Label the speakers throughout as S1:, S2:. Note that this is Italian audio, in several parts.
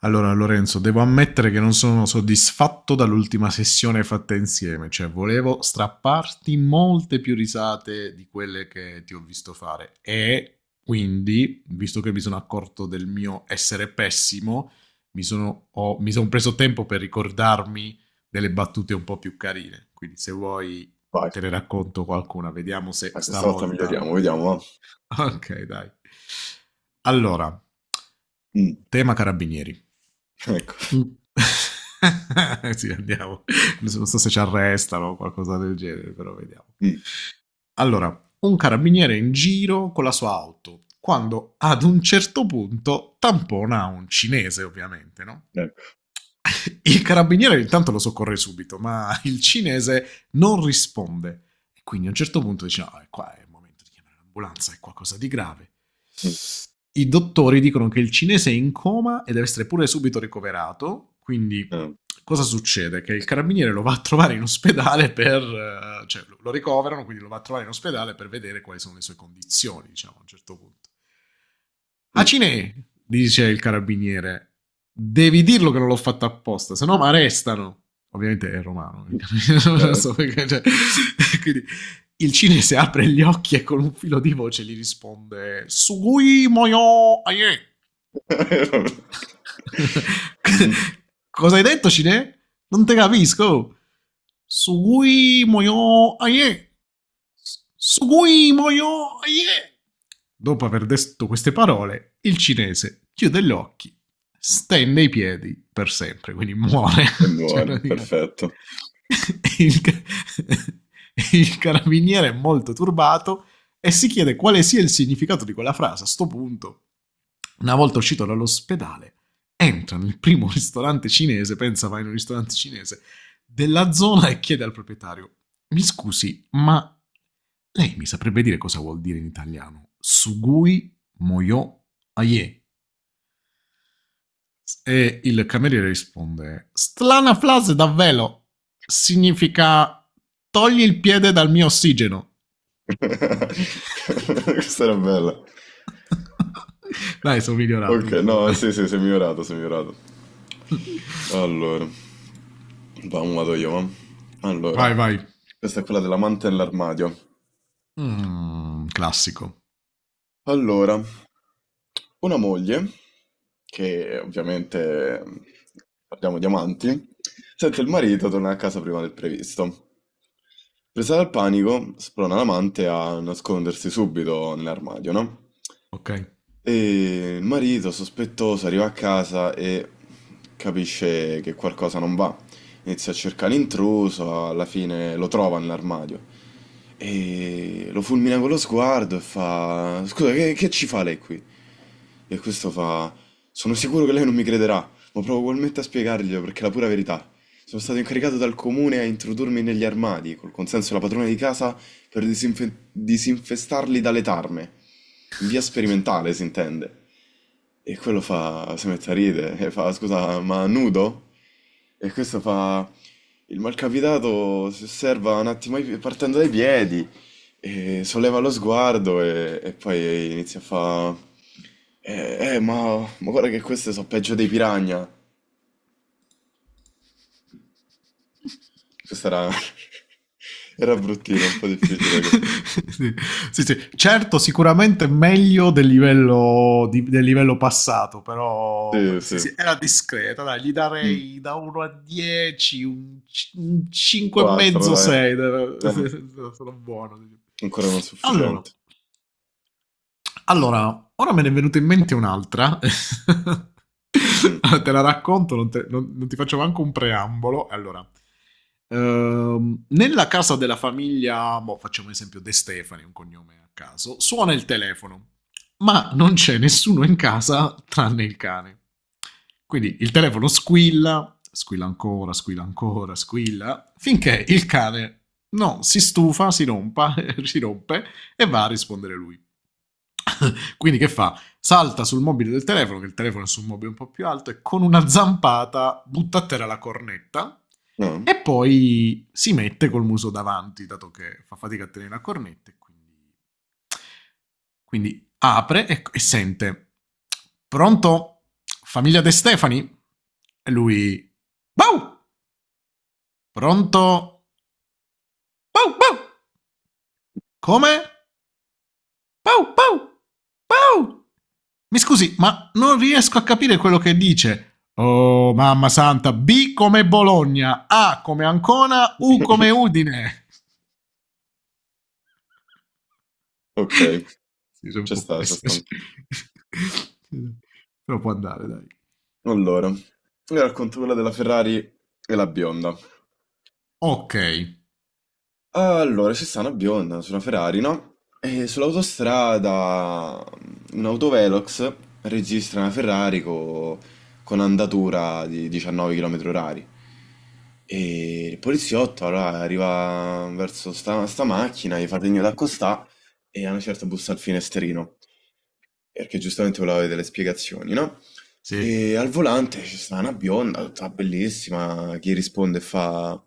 S1: Allora, Lorenzo, devo ammettere che non sono soddisfatto dall'ultima sessione fatta insieme, cioè volevo strapparti molte più risate di quelle che ti ho visto fare e quindi, visto che mi sono accorto del mio essere pessimo, mi sono preso tempo per ricordarmi delle battute un po' più carine. Quindi, se vuoi,
S2: Vai,
S1: te ne racconto qualcuna, vediamo se
S2: questa volta
S1: stavolta.
S2: miglioriamo, vediamo. Va.
S1: Ok, dai. Allora,
S2: Mm,
S1: tema carabinieri.
S2: ecco.
S1: Mm. Sì, andiamo. Non so se ci arrestano o qualcosa del genere, però vediamo.
S2: Mm,
S1: Allora, un carabiniere in giro con la sua auto, quando ad un certo punto tampona un cinese, ovviamente, no?
S2: ecco.
S1: Il carabiniere intanto lo soccorre subito, ma il cinese non risponde. E quindi a un certo punto dice, no, è qua, è il momento di chiamare l'ambulanza, è qualcosa di grave.
S2: Mm,
S1: I dottori dicono che il cinese è in coma e deve essere pure subito ricoverato, quindi
S2: eh,
S1: cosa succede? Che il carabiniere lo va a trovare in ospedale per... cioè lo ricoverano, quindi lo va a trovare in ospedale per vedere quali sono le sue condizioni, diciamo, a un certo punto.
S2: mm,
S1: Acine, dice il carabiniere, devi dirlo che non l'ho fatto apposta, se no mi arrestano. Ovviamente è romano, non
S2: eh.
S1: so perché... Cioè, quindi il cinese apre gli occhi e con un filo di voce gli risponde Sugui moyo aie.
S2: Mhm.
S1: Cosa hai detto, Cine? Non te capisco. Sugui moyo aie. Sugui moyo aie. Dopo aver detto queste parole, il cinese chiude gli occhi, stende i piedi per sempre, quindi muore.
S2: E
S1: Cioè,
S2: muore,
S1: praticamente.
S2: perfetto.
S1: il, ca- il carabiniere è molto turbato e si chiede quale sia il significato di quella frase. A sto punto, una volta uscito dall'ospedale, entra nel primo ristorante cinese, pensa vai in un ristorante cinese della zona e chiede al proprietario mi scusi, ma lei mi saprebbe dire cosa vuol dire in italiano? Sugui moyo aie. E il cameriere risponde: Strana frase davvero. Significa togli il piede dal mio ossigeno.
S2: Questa era bella.
S1: Dai, sono migliorato
S2: Ok,
S1: un po'.
S2: no, sì,
S1: Dai.
S2: sì, sei migliorato, sei migliorato. Allora, vado io, va. Allora,
S1: Vai, vai.
S2: questa è quella dell'amante nell'armadio.
S1: Mm, classico.
S2: Allora, una moglie, che ovviamente parliamo di amanti, sente il
S1: Ok.
S2: marito tornare a casa prima del previsto. Presa dal panico, sprona l'amante a nascondersi subito nell'armadio, no?
S1: Ok.
S2: E il marito, sospettoso, arriva a casa e capisce che qualcosa non va. Inizia a cercare l'intruso, alla fine lo trova nell'armadio e lo fulmina con lo sguardo e fa: Scusa, che ci fa lei qui? E questo fa... Sono sicuro che lei non mi crederà, ma provo ugualmente a spiegarglielo perché è la pura verità. Sono stato incaricato dal comune a introdurmi negli armadi, col consenso della padrona di casa, per disinfestarli dalle tarme. In via sperimentale, si intende. E quello fa... si mette a ridere e fa, scusa, ma nudo? E questo fa... Il malcapitato si osserva un attimo partendo dai piedi e solleva lo sguardo e poi inizia a fa... Eh, ma guarda che queste sono peggio dei piranha. Questa era... era bruttina, un po' difficile.
S1: Sì, sì, sì. Certo, sicuramente meglio del livello, del livello passato, però
S2: Sì,
S1: sì,
S2: sì.
S1: sì, era discreta, dai, gli
S2: Mm.
S1: darei da 1 a 10, un
S2: Un
S1: 5 e
S2: 4,
S1: mezzo,
S2: dai.
S1: 6,
S2: Eh,
S1: sono buono.
S2: ancora non
S1: Allora,
S2: sufficiente.
S1: allora, ora me ne è venuta in mente un'altra.
S2: Mm,
S1: Te la racconto, non, te- non- non ti faccio manco un preambolo. Allora, nella casa della famiglia, boh, facciamo un esempio De Stefani, un cognome a caso, suona il telefono, ma non c'è nessuno in casa tranne il cane.
S2: mm.
S1: Quindi il telefono squilla, squilla ancora, squilla ancora, squilla, finché il cane no, si rompa, si rompe e va a rispondere lui. Quindi che fa? Salta sul mobile del telefono, che il telefono è su un mobile un po' più alto, e con una zampata butta a terra la cornetta
S2: No?
S1: e poi si mette col muso davanti, dato che fa fatica a tenere la cornetta. Quindi, apre e sente, pronto? Famiglia De Stefani? E lui, Bau! Pronto? Bau, bau! Come? Bau, bau! Bau! Mi scusi, ma non riesco a capire quello che dice. Oh, mamma santa, B come Bologna, A come Ancona, U come Udine.
S2: Ok,
S1: Sì, sono un
S2: ci
S1: po'
S2: sta, ci
S1: pessimo.
S2: sta.
S1: Però può andare, dai.
S2: Allora, io racconto quella della Ferrari e la bionda.
S1: Ok.
S2: Allora, c'è sta una bionda su una Ferrari, no? E sull'autostrada un autovelox registra una Ferrari con andatura di 19 km orari. E il poliziotto allora arriva verso sta macchina, gli fa segno d'accostà e a una certa bussa al finestrino, perché giustamente voleva avere delle spiegazioni, no?
S1: Sì.
S2: E al volante c'è sta una bionda, tutta bellissima, che risponde e fa...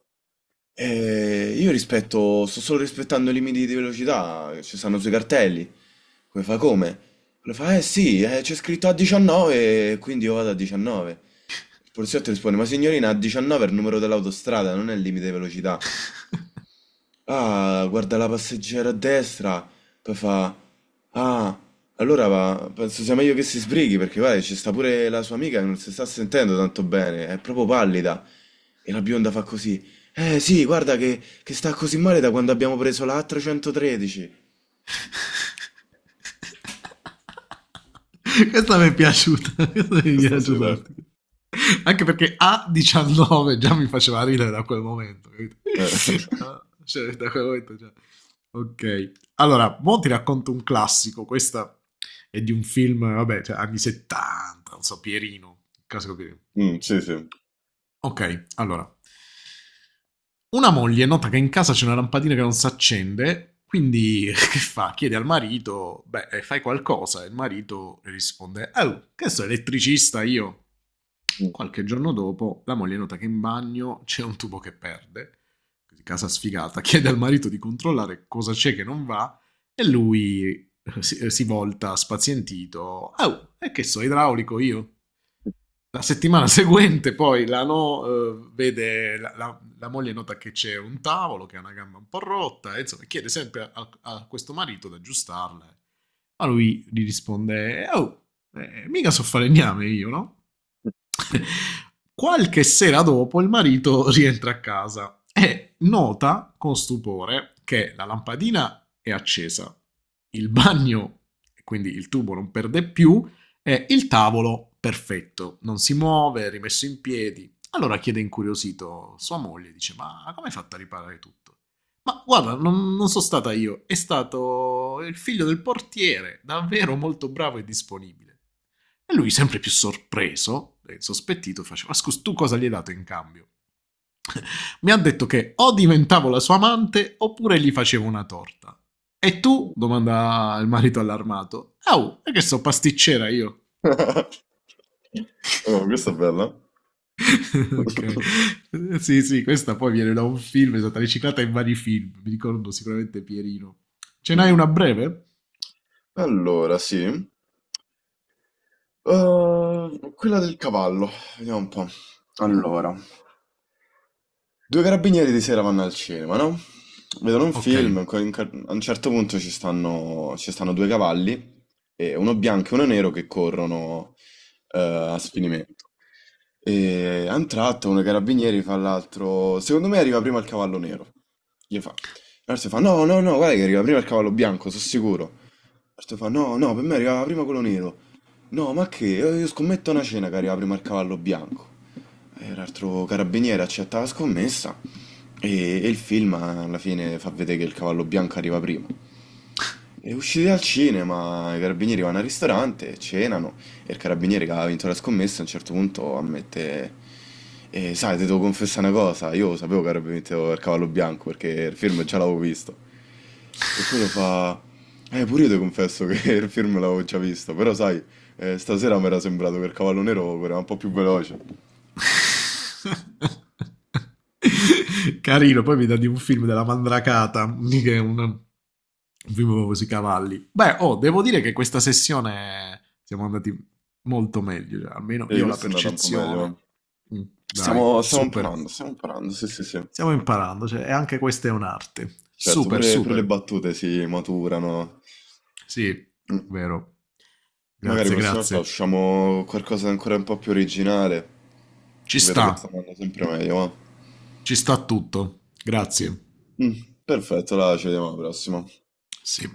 S2: Sto solo rispettando i limiti di velocità, che ci stanno sui cartelli. Come fa come? Lui fa, eh sì, c'è scritto a 19, quindi io vado a 19. Il poliziotto risponde, ma signorina, a 19 è il numero dell'autostrada, non è il limite di velocità. Ah, guarda la passeggera a destra, poi fa... Ah, allora va, penso sia meglio che si sbrighi perché guarda, ci sta pure la sua amica che non si sta sentendo tanto bene, è proprio pallida. E la bionda fa così. Eh sì, guarda che sta così male da quando abbiamo preso la A313.
S1: Questa mi è piaciuta, questa mi è
S2: Questa sì,
S1: piaciuta. Un
S2: dai.
S1: attimo. Anche perché a 19 già mi faceva ridere da quel momento. Capito?
S2: Eh,
S1: Ah, cioè, da quel momento già. Ok. Allora, mo ti racconto un classico. Questa è di un film, vabbè, cioè, anni 70, non so, Pierino. Il classico Pierino.
S2: mm, sì, sì.
S1: Ok, allora. Una moglie nota che in casa c'è una lampadina che non si accende, quindi che fa? Chiede al marito, beh, fai qualcosa. E il marito risponde, oh, che sono elettricista io.
S2: Mm.
S1: Qualche giorno dopo la moglie nota che in bagno c'è un tubo che perde. Così casa sfigata chiede al marito di controllare cosa c'è che non va e lui si volta spazientito. Oh, e che so, idraulico io. La settimana seguente poi la, no, vede, la, la- la moglie nota che c'è un tavolo che ha una gamba un po' rotta e insomma chiede sempre a, a questo marito di aggiustarla. Ma lui gli risponde, oh, mica so fare gname io, no? Qualche sera dopo il marito rientra a casa e nota con stupore che la lampadina è accesa, il bagno, quindi il tubo non perde più, e il tavolo perfetto, non si muove, è rimesso in piedi. Allora chiede incuriosito sua moglie, dice ma come hai fatto a riparare tutto? Ma guarda, non sono stata io, è stato il figlio del portiere, davvero molto bravo e disponibile. E lui, sempre più sorpreso e sospettito, faceva: Ma scusa, tu cosa gli hai dato in cambio? Mi ha detto che o diventavo la sua amante oppure gli facevo una torta. E tu? Domanda il marito allarmato. Au, è che so pasticcera io.
S2: Oh, questa è bella.
S1: Ok. Sì, sì, questa poi viene da un film, è stata riciclata in vari film. Mi ricordo sicuramente Pierino. Ce n'hai
S2: Mm.
S1: una breve?
S2: Allora, sì. Quella del cavallo. Vediamo un po'. Allora. Due carabinieri di sera vanno al cinema, no? Vedono un
S1: Ok.
S2: film, a un certo punto ci stanno due cavalli, e uno bianco e uno nero che corrono a sfinimento. E a un tratto uno dei carabinieri fa all'altro, secondo me arriva prima il cavallo nero. Gli fa. L'altro fa, no, no, no, guarda che arriva prima il cavallo bianco, sono sicuro. L'altro fa, no, no, per me arrivava prima quello nero. No, ma che? Io scommetto una cena che arriva prima il cavallo bianco. E l'altro carabiniere accetta la scommessa e il film alla fine fa vedere che il cavallo bianco arriva prima. E usciti dal cinema, i carabinieri vanno al ristorante, cenano e il carabiniere che ha vinto la scommessa a un certo punto ammette sai, ti devo confessare una cosa, io sapevo che avrebbe vinto il cavallo bianco perché il film già l'avevo visto». E quello fa pure io ti confesso che il film l'avevo già visto, però sai, stasera mi era sembrato che il cavallo nero era un po' più veloce».
S1: Carino, poi mi dà di un film della Mandracata, che è un film con i cavalli. Beh, oh, devo dire che questa sessione siamo andati molto meglio, cioè, almeno
S2: E
S1: io ho la
S2: questo è andato un po' meglio, eh.
S1: percezione. Mm, dai,
S2: Stiamo
S1: super.
S2: imparando, stiamo imparando, sì, sì, sì.
S1: Stiamo imparando, cioè, e anche questa è un'arte.
S2: Certo,
S1: Super,
S2: pure le
S1: super.
S2: battute si maturano.
S1: Sì,
S2: Mm,
S1: vero.
S2: Magari la
S1: Grazie,
S2: prossima volta
S1: grazie.
S2: usciamo con qualcosa di ancora un po' più originale, che
S1: Ci
S2: vedo
S1: sta,
S2: che sta andando sempre meglio, ma...
S1: ci sta tutto. Grazie.
S2: Mm, perfetto, là, ci vediamo alla prossima.
S1: Sì.